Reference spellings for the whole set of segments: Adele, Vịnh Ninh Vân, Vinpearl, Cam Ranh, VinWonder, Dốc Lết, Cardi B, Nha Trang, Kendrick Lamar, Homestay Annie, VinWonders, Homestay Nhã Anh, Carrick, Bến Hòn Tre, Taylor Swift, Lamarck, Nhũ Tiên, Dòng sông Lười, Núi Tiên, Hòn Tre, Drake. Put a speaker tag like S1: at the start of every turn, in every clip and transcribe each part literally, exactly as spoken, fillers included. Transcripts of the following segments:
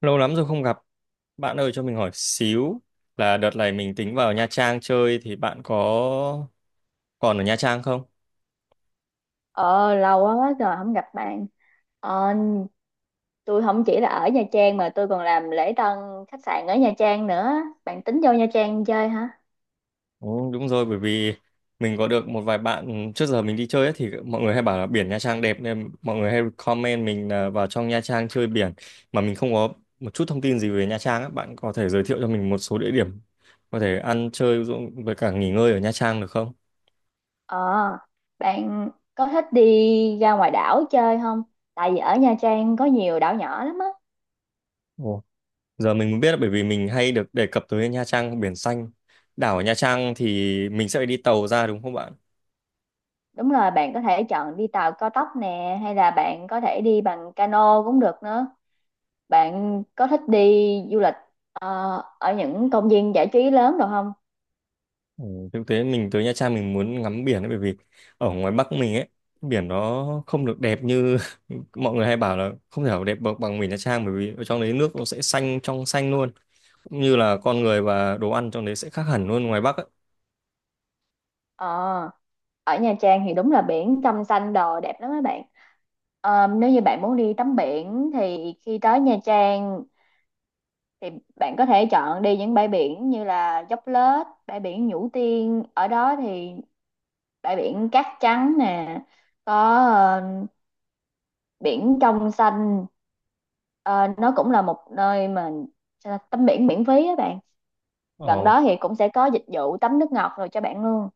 S1: Lâu lắm rồi không gặp. Bạn ơi cho mình hỏi xíu là đợt này mình tính vào Nha Trang chơi thì bạn có còn ở Nha Trang không?
S2: Ờ, lâu quá quá rồi không gặp bạn. Ờ, tôi không chỉ là ở Nha Trang mà tôi còn làm lễ tân khách sạn ở Nha Trang nữa. Bạn tính vô Nha Trang chơi hả?
S1: Ừ, đúng rồi, bởi vì mình có được một vài bạn trước giờ mình đi chơi ấy, thì mọi người hay bảo là biển Nha Trang đẹp nên mọi người hay comment mình là vào trong Nha Trang chơi biển, mà mình không có một chút thông tin gì về Nha Trang á. Bạn có thể giới thiệu cho mình một số địa điểm có thể ăn chơi, ví dụ với cả nghỉ ngơi ở Nha Trang được không?
S2: Ờ, bạn có thích đi ra ngoài đảo chơi không? Tại vì ở Nha Trang có nhiều đảo nhỏ lắm á.
S1: Ồ. Giờ mình mới biết, là bởi vì mình hay được đề cập tới Nha Trang, biển xanh. Đảo ở Nha Trang thì mình sẽ phải đi tàu ra đúng không bạn?
S2: Đúng rồi, bạn có thể chọn đi tàu cao tốc nè, hay là bạn có thể đi bằng cano cũng được nữa. Bạn có thích đi du lịch ờ, ở những công viên giải trí lớn được không?
S1: Ừ, thực tế mình tới Nha Trang mình muốn ngắm biển ấy, bởi vì ở ngoài Bắc mình ấy, biển nó không được đẹp như mọi người hay bảo là không thể nào đẹp bằng bằng biển Nha Trang, bởi vì ở trong đấy nước nó sẽ xanh trong xanh luôn. Cũng như là con người và đồ ăn trong đấy sẽ khác hẳn luôn ngoài Bắc ấy.
S2: Ờ. Ở Nha Trang thì đúng là biển trong xanh đồ đẹp lắm các bạn. Ờ, nếu như bạn muốn đi tắm biển thì khi tới Nha Trang thì bạn có thể chọn đi những bãi biển như là Dốc Lết, bãi biển Nhũ Tiên. Ở đó thì bãi biển cát trắng nè, có ờ, biển trong xanh. Ờ, nó cũng là một nơi mà sao ta, tắm biển miễn phí á bạn. Gần
S1: Ồ.
S2: đó thì cũng sẽ có dịch vụ tắm nước ngọt rồi cho bạn luôn.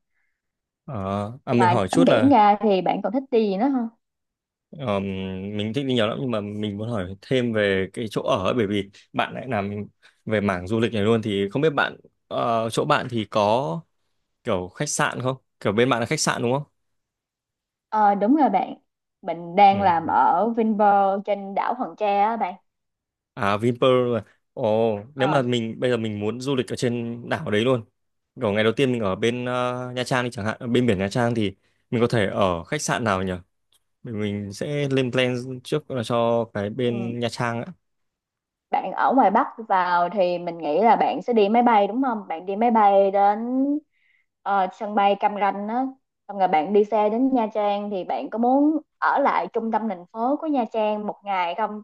S1: ờ, à, mình
S2: Ngoài
S1: hỏi
S2: tắm
S1: chút
S2: biển
S1: là.
S2: ra thì bạn còn thích đi gì nữa không?
S1: Ờ, mình thích đi nhiều lắm nhưng mà mình muốn hỏi thêm về cái chỗ ở ấy, bởi vì bạn lại làm về mảng du lịch này luôn thì không biết bạn, ờ, chỗ bạn thì có kiểu khách sạn không? Kiểu bên bạn là khách sạn đúng không?
S2: Ờ đúng rồi bạn. Mình đang làm
S1: Ừ.
S2: ở Vinpearl trên đảo Hòn Tre á bạn.
S1: À, Vinpearl. À. Ồ, nếu
S2: Ờ
S1: mà mình bây giờ mình muốn du lịch ở trên đảo đấy luôn. Kiểu ngày đầu tiên mình ở bên, ờ, Nha Trang đi chẳng hạn, ở bên biển Nha Trang thì mình có thể ở khách sạn nào nhỉ? Mình mình sẽ lên plan trước là cho cái
S2: ừ.
S1: bên Nha Trang
S2: Bạn ở ngoài Bắc vào thì mình nghĩ là bạn sẽ đi máy bay đúng không? Bạn đi máy bay đến ờ, sân bay Cam Ranh á. Xong rồi bạn đi xe đến Nha Trang. Thì bạn có muốn ở lại trung tâm thành phố của Nha Trang một ngày không?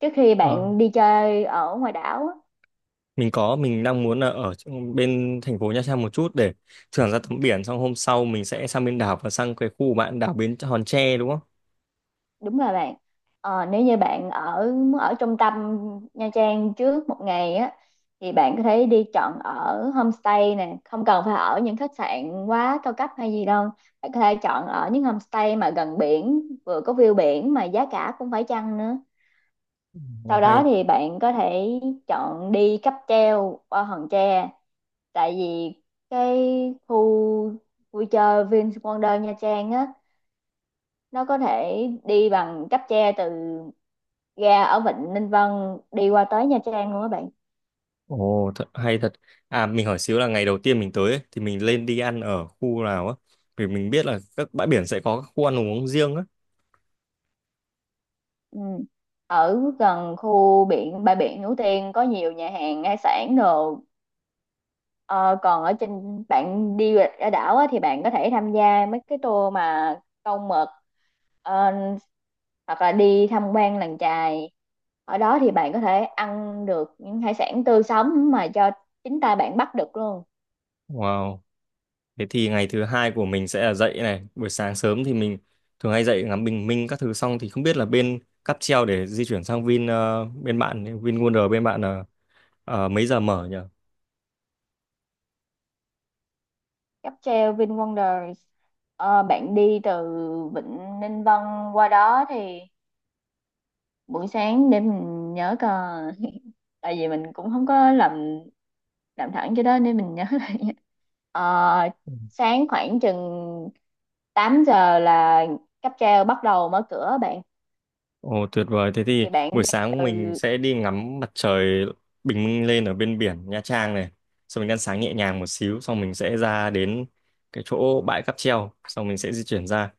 S2: Trước khi
S1: á.
S2: bạn đi chơi ở ngoài đảo á.
S1: mình có mình đang muốn là ở trong- bên thành phố Nha Trang một chút để thưởng ra tấm biển, xong hôm sau mình sẽ sang bên đảo và sang cái khu bạn đảo Bến Hòn Tre đúng không?
S2: Đúng là bạn ờ, nếu như bạn ở muốn ở trung tâm Nha Trang trước một ngày á thì bạn có thể đi chọn ở homestay nè, không cần phải ở những khách sạn quá cao cấp hay gì đâu. Bạn có thể chọn ở những homestay mà gần biển vừa có view biển mà giá cả cũng phải chăng nữa.
S1: Ồ,
S2: Sau đó
S1: hay.
S2: thì bạn có thể chọn đi cáp treo qua Hòn Tre, tại vì cái khu vui chơi Vinwonder Nha Trang á, nó có thể đi bằng cáp treo từ Ga ở Vịnh Ninh Vân đi qua tới Nha Trang luôn các bạn.
S1: Ồ thật, hay thật. À, mình hỏi xíu là ngày đầu tiên mình tới ấy, thì mình lên đi ăn ở khu nào á, vì mình biết là các bãi biển sẽ có các khu ăn uống riêng á.
S2: Ừ. Ở gần khu biển bãi biển Núi Tiên có nhiều nhà hàng hải sản đồ. Ờ, còn ở trên bạn đi ở đảo á, thì bạn có thể tham gia mấy cái tour mà câu mực, ờ, hoặc là đi tham quan làng chài. Ở đó thì bạn có thể ăn được những hải sản tươi sống mà do chính tay bạn bắt được luôn.
S1: Wow, thế thì ngày thứ hai của mình sẽ là dậy này, buổi sáng sớm thì mình thường hay dậy ngắm bình minh các thứ, xong thì không biết là bên cáp treo để di chuyển sang Vin ờ, bên bạn Vin Wonder, bên bạn ờ, Ờ, mấy giờ mở nhỉ?
S2: Cáp treo VinWonders. Ờ, bạn đi từ Vịnh Ninh Vân qua đó thì buổi sáng để mình nhớ coi tại vì mình cũng không có làm làm thẳng cho đó nên mình nhớ lại. Ờ,
S1: Ừ.
S2: sáng khoảng chừng tám giờ là cáp treo bắt đầu mở cửa bạn.
S1: Ồ tuyệt vời, thế thì
S2: Thì bạn
S1: buổi
S2: đi
S1: sáng mình
S2: từ
S1: sẽ đi ngắm mặt trời, bình minh lên ở bên biển Nha Trang này. Xong mình ăn sáng nhẹ nhàng một xíu, xong mình sẽ ra đến cái chỗ bãi cáp treo, xong mình sẽ di chuyển ra.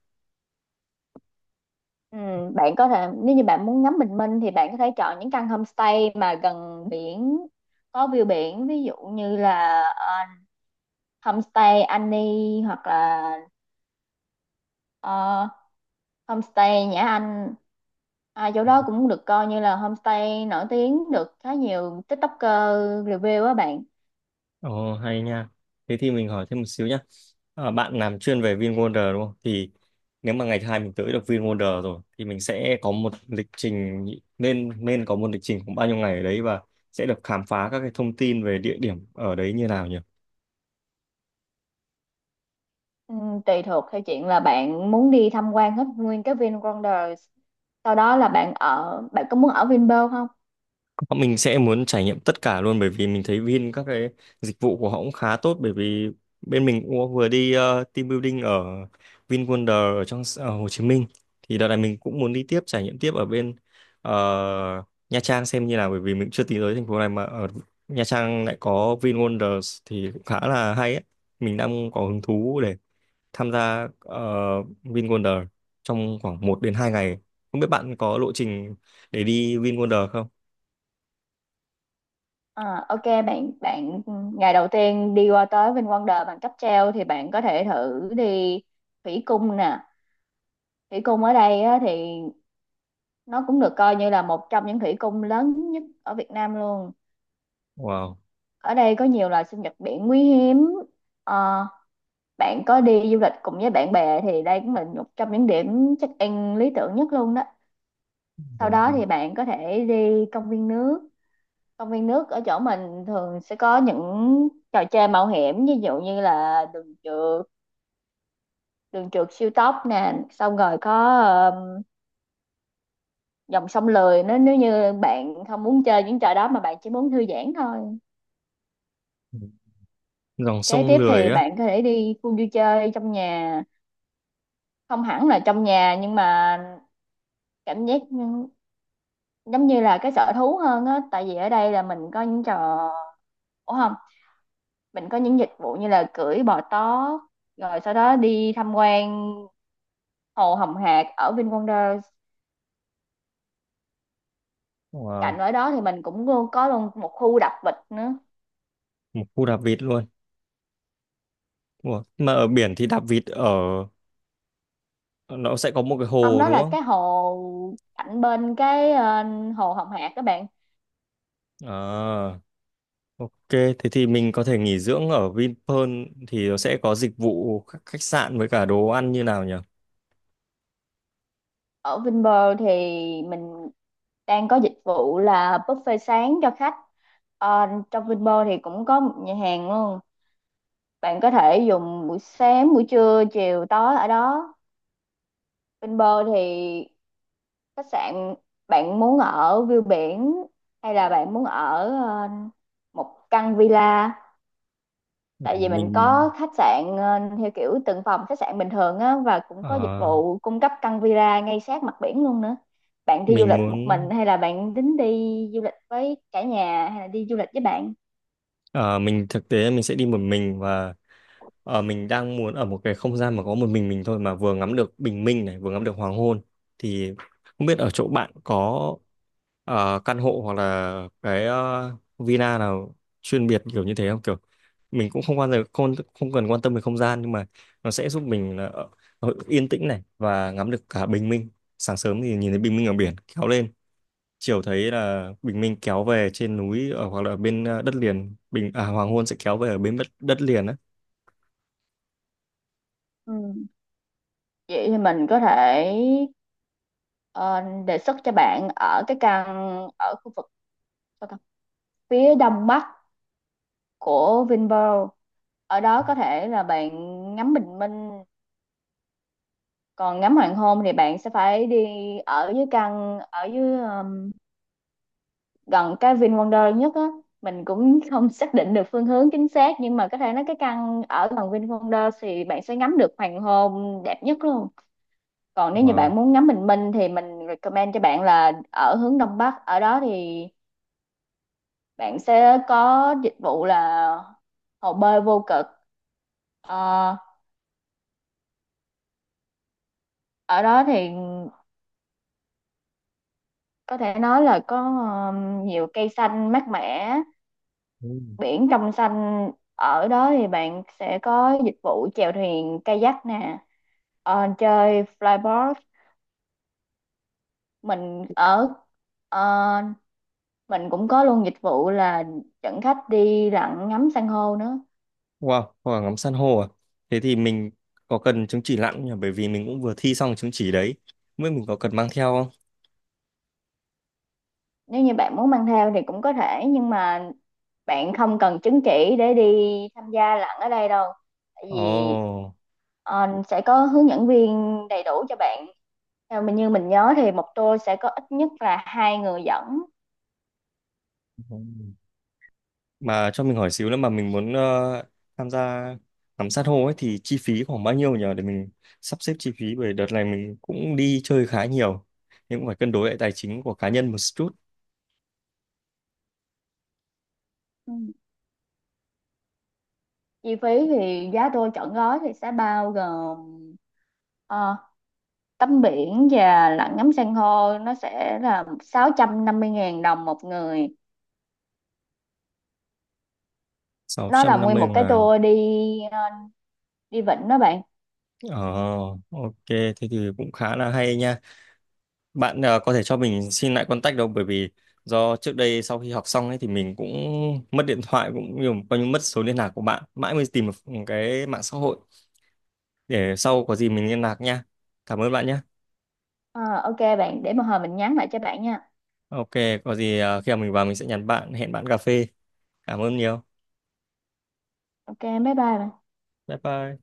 S2: ừ, bạn có thể, nếu như bạn muốn ngắm bình minh thì bạn có thể chọn những căn homestay mà gần biển có view biển, ví dụ như là ờ, homestay Annie hoặc là ờ, Homestay Nhã Anh. À, chỗ đó cũng được coi như là homestay nổi tiếng, được khá nhiều TikToker review á bạn.
S1: Ồ hay nha. Thế thì mình hỏi thêm một xíu nhá. Ờ, bạn làm chuyên về VinWonder đúng không? Thì nếu mà ngày thứ hai mình tới được VinWonder rồi thì mình sẽ có một lịch trình, nên nên có một lịch trình khoảng bao nhiêu ngày ở đấy và sẽ được khám phá các cái thông tin về địa điểm ở đấy như nào nhỉ?
S2: Ừ, tùy thuộc theo chuyện là bạn muốn đi tham quan hết nguyên cái VinWonders, sau đó là bạn ở bạn có muốn ở Vinpearl không.
S1: Mình sẽ muốn trải nghiệm tất cả luôn, bởi vì mình thấy Vin, các cái dịch vụ của họ cũng khá tốt, bởi vì bên mình cũng vừa đi, ờ, team building ở VinWonder, ở trong ở Hồ Chí Minh. Thì đợt này mình cũng muốn đi tiếp, trải nghiệm tiếp ở bên, ờ, Nha Trang xem như nào, bởi vì mình chưa tính tới thành phố này mà ở Nha Trang lại có VinWonders thì cũng khá là hay ấy. Mình đang có hứng thú để tham gia, ờ, VinWonder trong khoảng một đến hai ngày. Không biết bạn có lộ trình để đi VinWonder không?
S2: À, ok bạn bạn ừ, ngày đầu tiên đi qua tới VinWonders bằng cáp treo thì bạn có thể thử đi thủy cung nè. Thủy cung ở đây á, thì nó cũng được coi như là một trong những thủy cung lớn nhất ở Việt Nam luôn.
S1: Wow.
S2: Ở đây có nhiều loài sinh vật biển quý hiếm. Ờ, bạn có đi du lịch cùng với bạn bè thì đây cũng là một trong những điểm check in lý tưởng nhất luôn đó. Sau
S1: Ồ.
S2: đó thì bạn có thể đi công viên nước. Công viên nước ở chỗ mình thường sẽ có những trò chơi mạo hiểm, ví dụ như là đường trượt đường trượt siêu tốc nè, xong rồi có ờ, dòng sông lười, nếu nếu như bạn không muốn chơi những trò đó mà bạn chỉ muốn thư giãn thôi.
S1: Dòng
S2: Kế
S1: sông
S2: tiếp
S1: Lười
S2: thì
S1: á.
S2: bạn có thể đi khu vui chơi trong nhà, không hẳn là trong nhà nhưng mà cảm giác như- giống như là cái sở thú hơn á, tại vì ở đây là mình có những trò ủa không, mình có những dịch vụ như là cưỡi bò tó, rồi sau đó đi tham quan hồ Hồng Hạc ở VinWonders.
S1: Wow.
S2: Cạnh ở đó thì mình cũng luôn có luôn một khu đạp vịt nữa.
S1: Một khu đạp vịt luôn. Ủa, mà ở biển thì đạp vịt ở, nó sẽ có một cái
S2: Không,
S1: hồ
S2: đó
S1: đúng
S2: là
S1: không?
S2: cái hồ cạnh bên cái ờ, hồ Hồng Hạc các bạn.
S1: À, ok, thế thì mình có thể nghỉ dưỡng ở Vinpearl, thì nó sẽ có dịch vụ khách khách sạn với cả đồ ăn như nào nhỉ?
S2: Ở Vinpearl thì mình đang có dịch vụ là buffet sáng cho khách. Ờ, trong Vinpearl thì cũng có một nhà hàng luôn. Bạn có thể dùng buổi sáng, buổi trưa, chiều, tối ở đó. Bên bờ thì khách sạn, bạn muốn ở view biển hay là bạn muốn ở ờ, một căn villa?
S1: Ừ,
S2: Tại vì mình
S1: mình
S2: có khách sạn ờ, theo kiểu từng phòng khách sạn bình thường á, và cũng có dịch
S1: ờ,
S2: vụ cung cấp căn villa ngay sát mặt biển luôn nữa. Bạn đi du
S1: mình
S2: lịch
S1: muốn
S2: một mình, hay là bạn tính đi du lịch với cả nhà, hay là đi du lịch với bạn?
S1: ờ, mình thực tế mình sẽ đi một mình, và, Ờ, mình đang muốn ở một cái không gian mà có một mình mình thôi, mà vừa ngắm được bình minh này, vừa ngắm được hoàng hôn, thì không biết ở chỗ bạn có, ờ, căn hộ hoặc là cái, ờ, villa nào chuyên biệt kiểu như thế không? Kiểu mình cũng không quan tâm, không, không cần quan tâm về không gian, nhưng mà nó sẽ giúp mình là ở- ở yên tĩnh này và ngắm được cả bình minh. Sáng sớm thì nhìn thấy bình minh ở biển kéo lên, chiều thấy là bình minh kéo về trên núi, ở hoặc là ở bên, ờ, đất liền, bình à, hoàng hôn sẽ kéo về ở bên đất, đất liền á.
S2: Ừ. Vậy thì mình có thể ờ, đề xuất cho bạn ở cái căn ở khu vực, và cả phía đông bắc của Vinpearl, ở đó có thể là bạn ngắm bình minh. Còn ngắm hoàng hôn thì bạn sẽ phải đi ở dưới căn ở dưới um, gần cái Vin Wonder nhất á. Mình cũng không xác định được phương hướng chính xác, nhưng mà có thể nói cái căn ở gần Vin Wonder thì bạn sẽ ngắm được hoàng hôn đẹp nhất luôn. Còn nếu như bạn
S1: Wow.
S2: muốn ngắm bình minh thì mình recommend cho bạn là ở hướng đông bắc, ở đó thì bạn sẽ có dịch vụ là hồ bơi vô cực. Ờ, ở đó thì có thể nói là có um, nhiều cây xanh mát mẻ,
S1: Ừ.
S2: biển trong xanh. Ở đó thì bạn sẽ có dịch vụ chèo thuyền kayak nè, ờ, chơi flyboard. mình ở ờ, mình cũng có luôn dịch vụ là dẫn khách đi lặn ngắm san hô nữa.
S1: Wow, hoa ngắm san hô à? Thế thì mình có cần chứng chỉ lặn không nhỉ? Bởi vì mình cũng vừa thi xong chứng chỉ đấy. Mới mình có cần mang theo không?
S2: Nếu như bạn muốn mang theo thì cũng có thể, nhưng mà bạn không cần chứng chỉ để đi tham gia lặn ở đây đâu, tại vì
S1: Ồ.
S2: ờ, sẽ có hướng dẫn viên đầy đủ cho bạn. Theo mình như mình nhớ thì một tour sẽ có ít nhất là hai người dẫn.
S1: Ừ. Mà cho mình hỏi xíu nữa, mà mình muốn, ờ, tham gia ngắm san hô ấy thì chi phí khoảng bao nhiêu nhỉ? Để mình sắp xếp chi phí, bởi đợt này mình cũng đi chơi khá nhiều. Nhưng cũng phải cân đối lại tài chính của cá nhân một chút.
S2: Ừ. Chi phí thì giá tour trọn gói thì sẽ bao gồm ờ, tắm biển và lặn ngắm san hô, nó sẽ là sáu trăm năm mươi ngàn đồng một người.
S1: Sáu
S2: Nó là
S1: trăm năm
S2: nguyên
S1: mươi
S2: một cái
S1: ngàn.
S2: tour đi ờ, đi vịnh đó bạn.
S1: Ồ, ok, thế thì cũng khá là hay nha. Bạn, ờ, có thể cho mình xin lại contact đâu, bởi vì do trước đây sau khi học xong ấy thì mình cũng mất điện thoại cũng nhiều, coi như mất số liên lạc của bạn, mãi mới tìm được cái mạng xã hội để sau có gì mình liên lạc nha. Cảm ơn bạn nhé.
S2: Ờ, ok bạn, để một hồi mình nhắn lại cho bạn nha.
S1: Ok, có gì, ờ, khi nào mình vào mình sẽ nhắn bạn, hẹn bạn cà phê. Cảm ơn nhiều.
S2: Ok, bye bye bạn.
S1: Bye bye.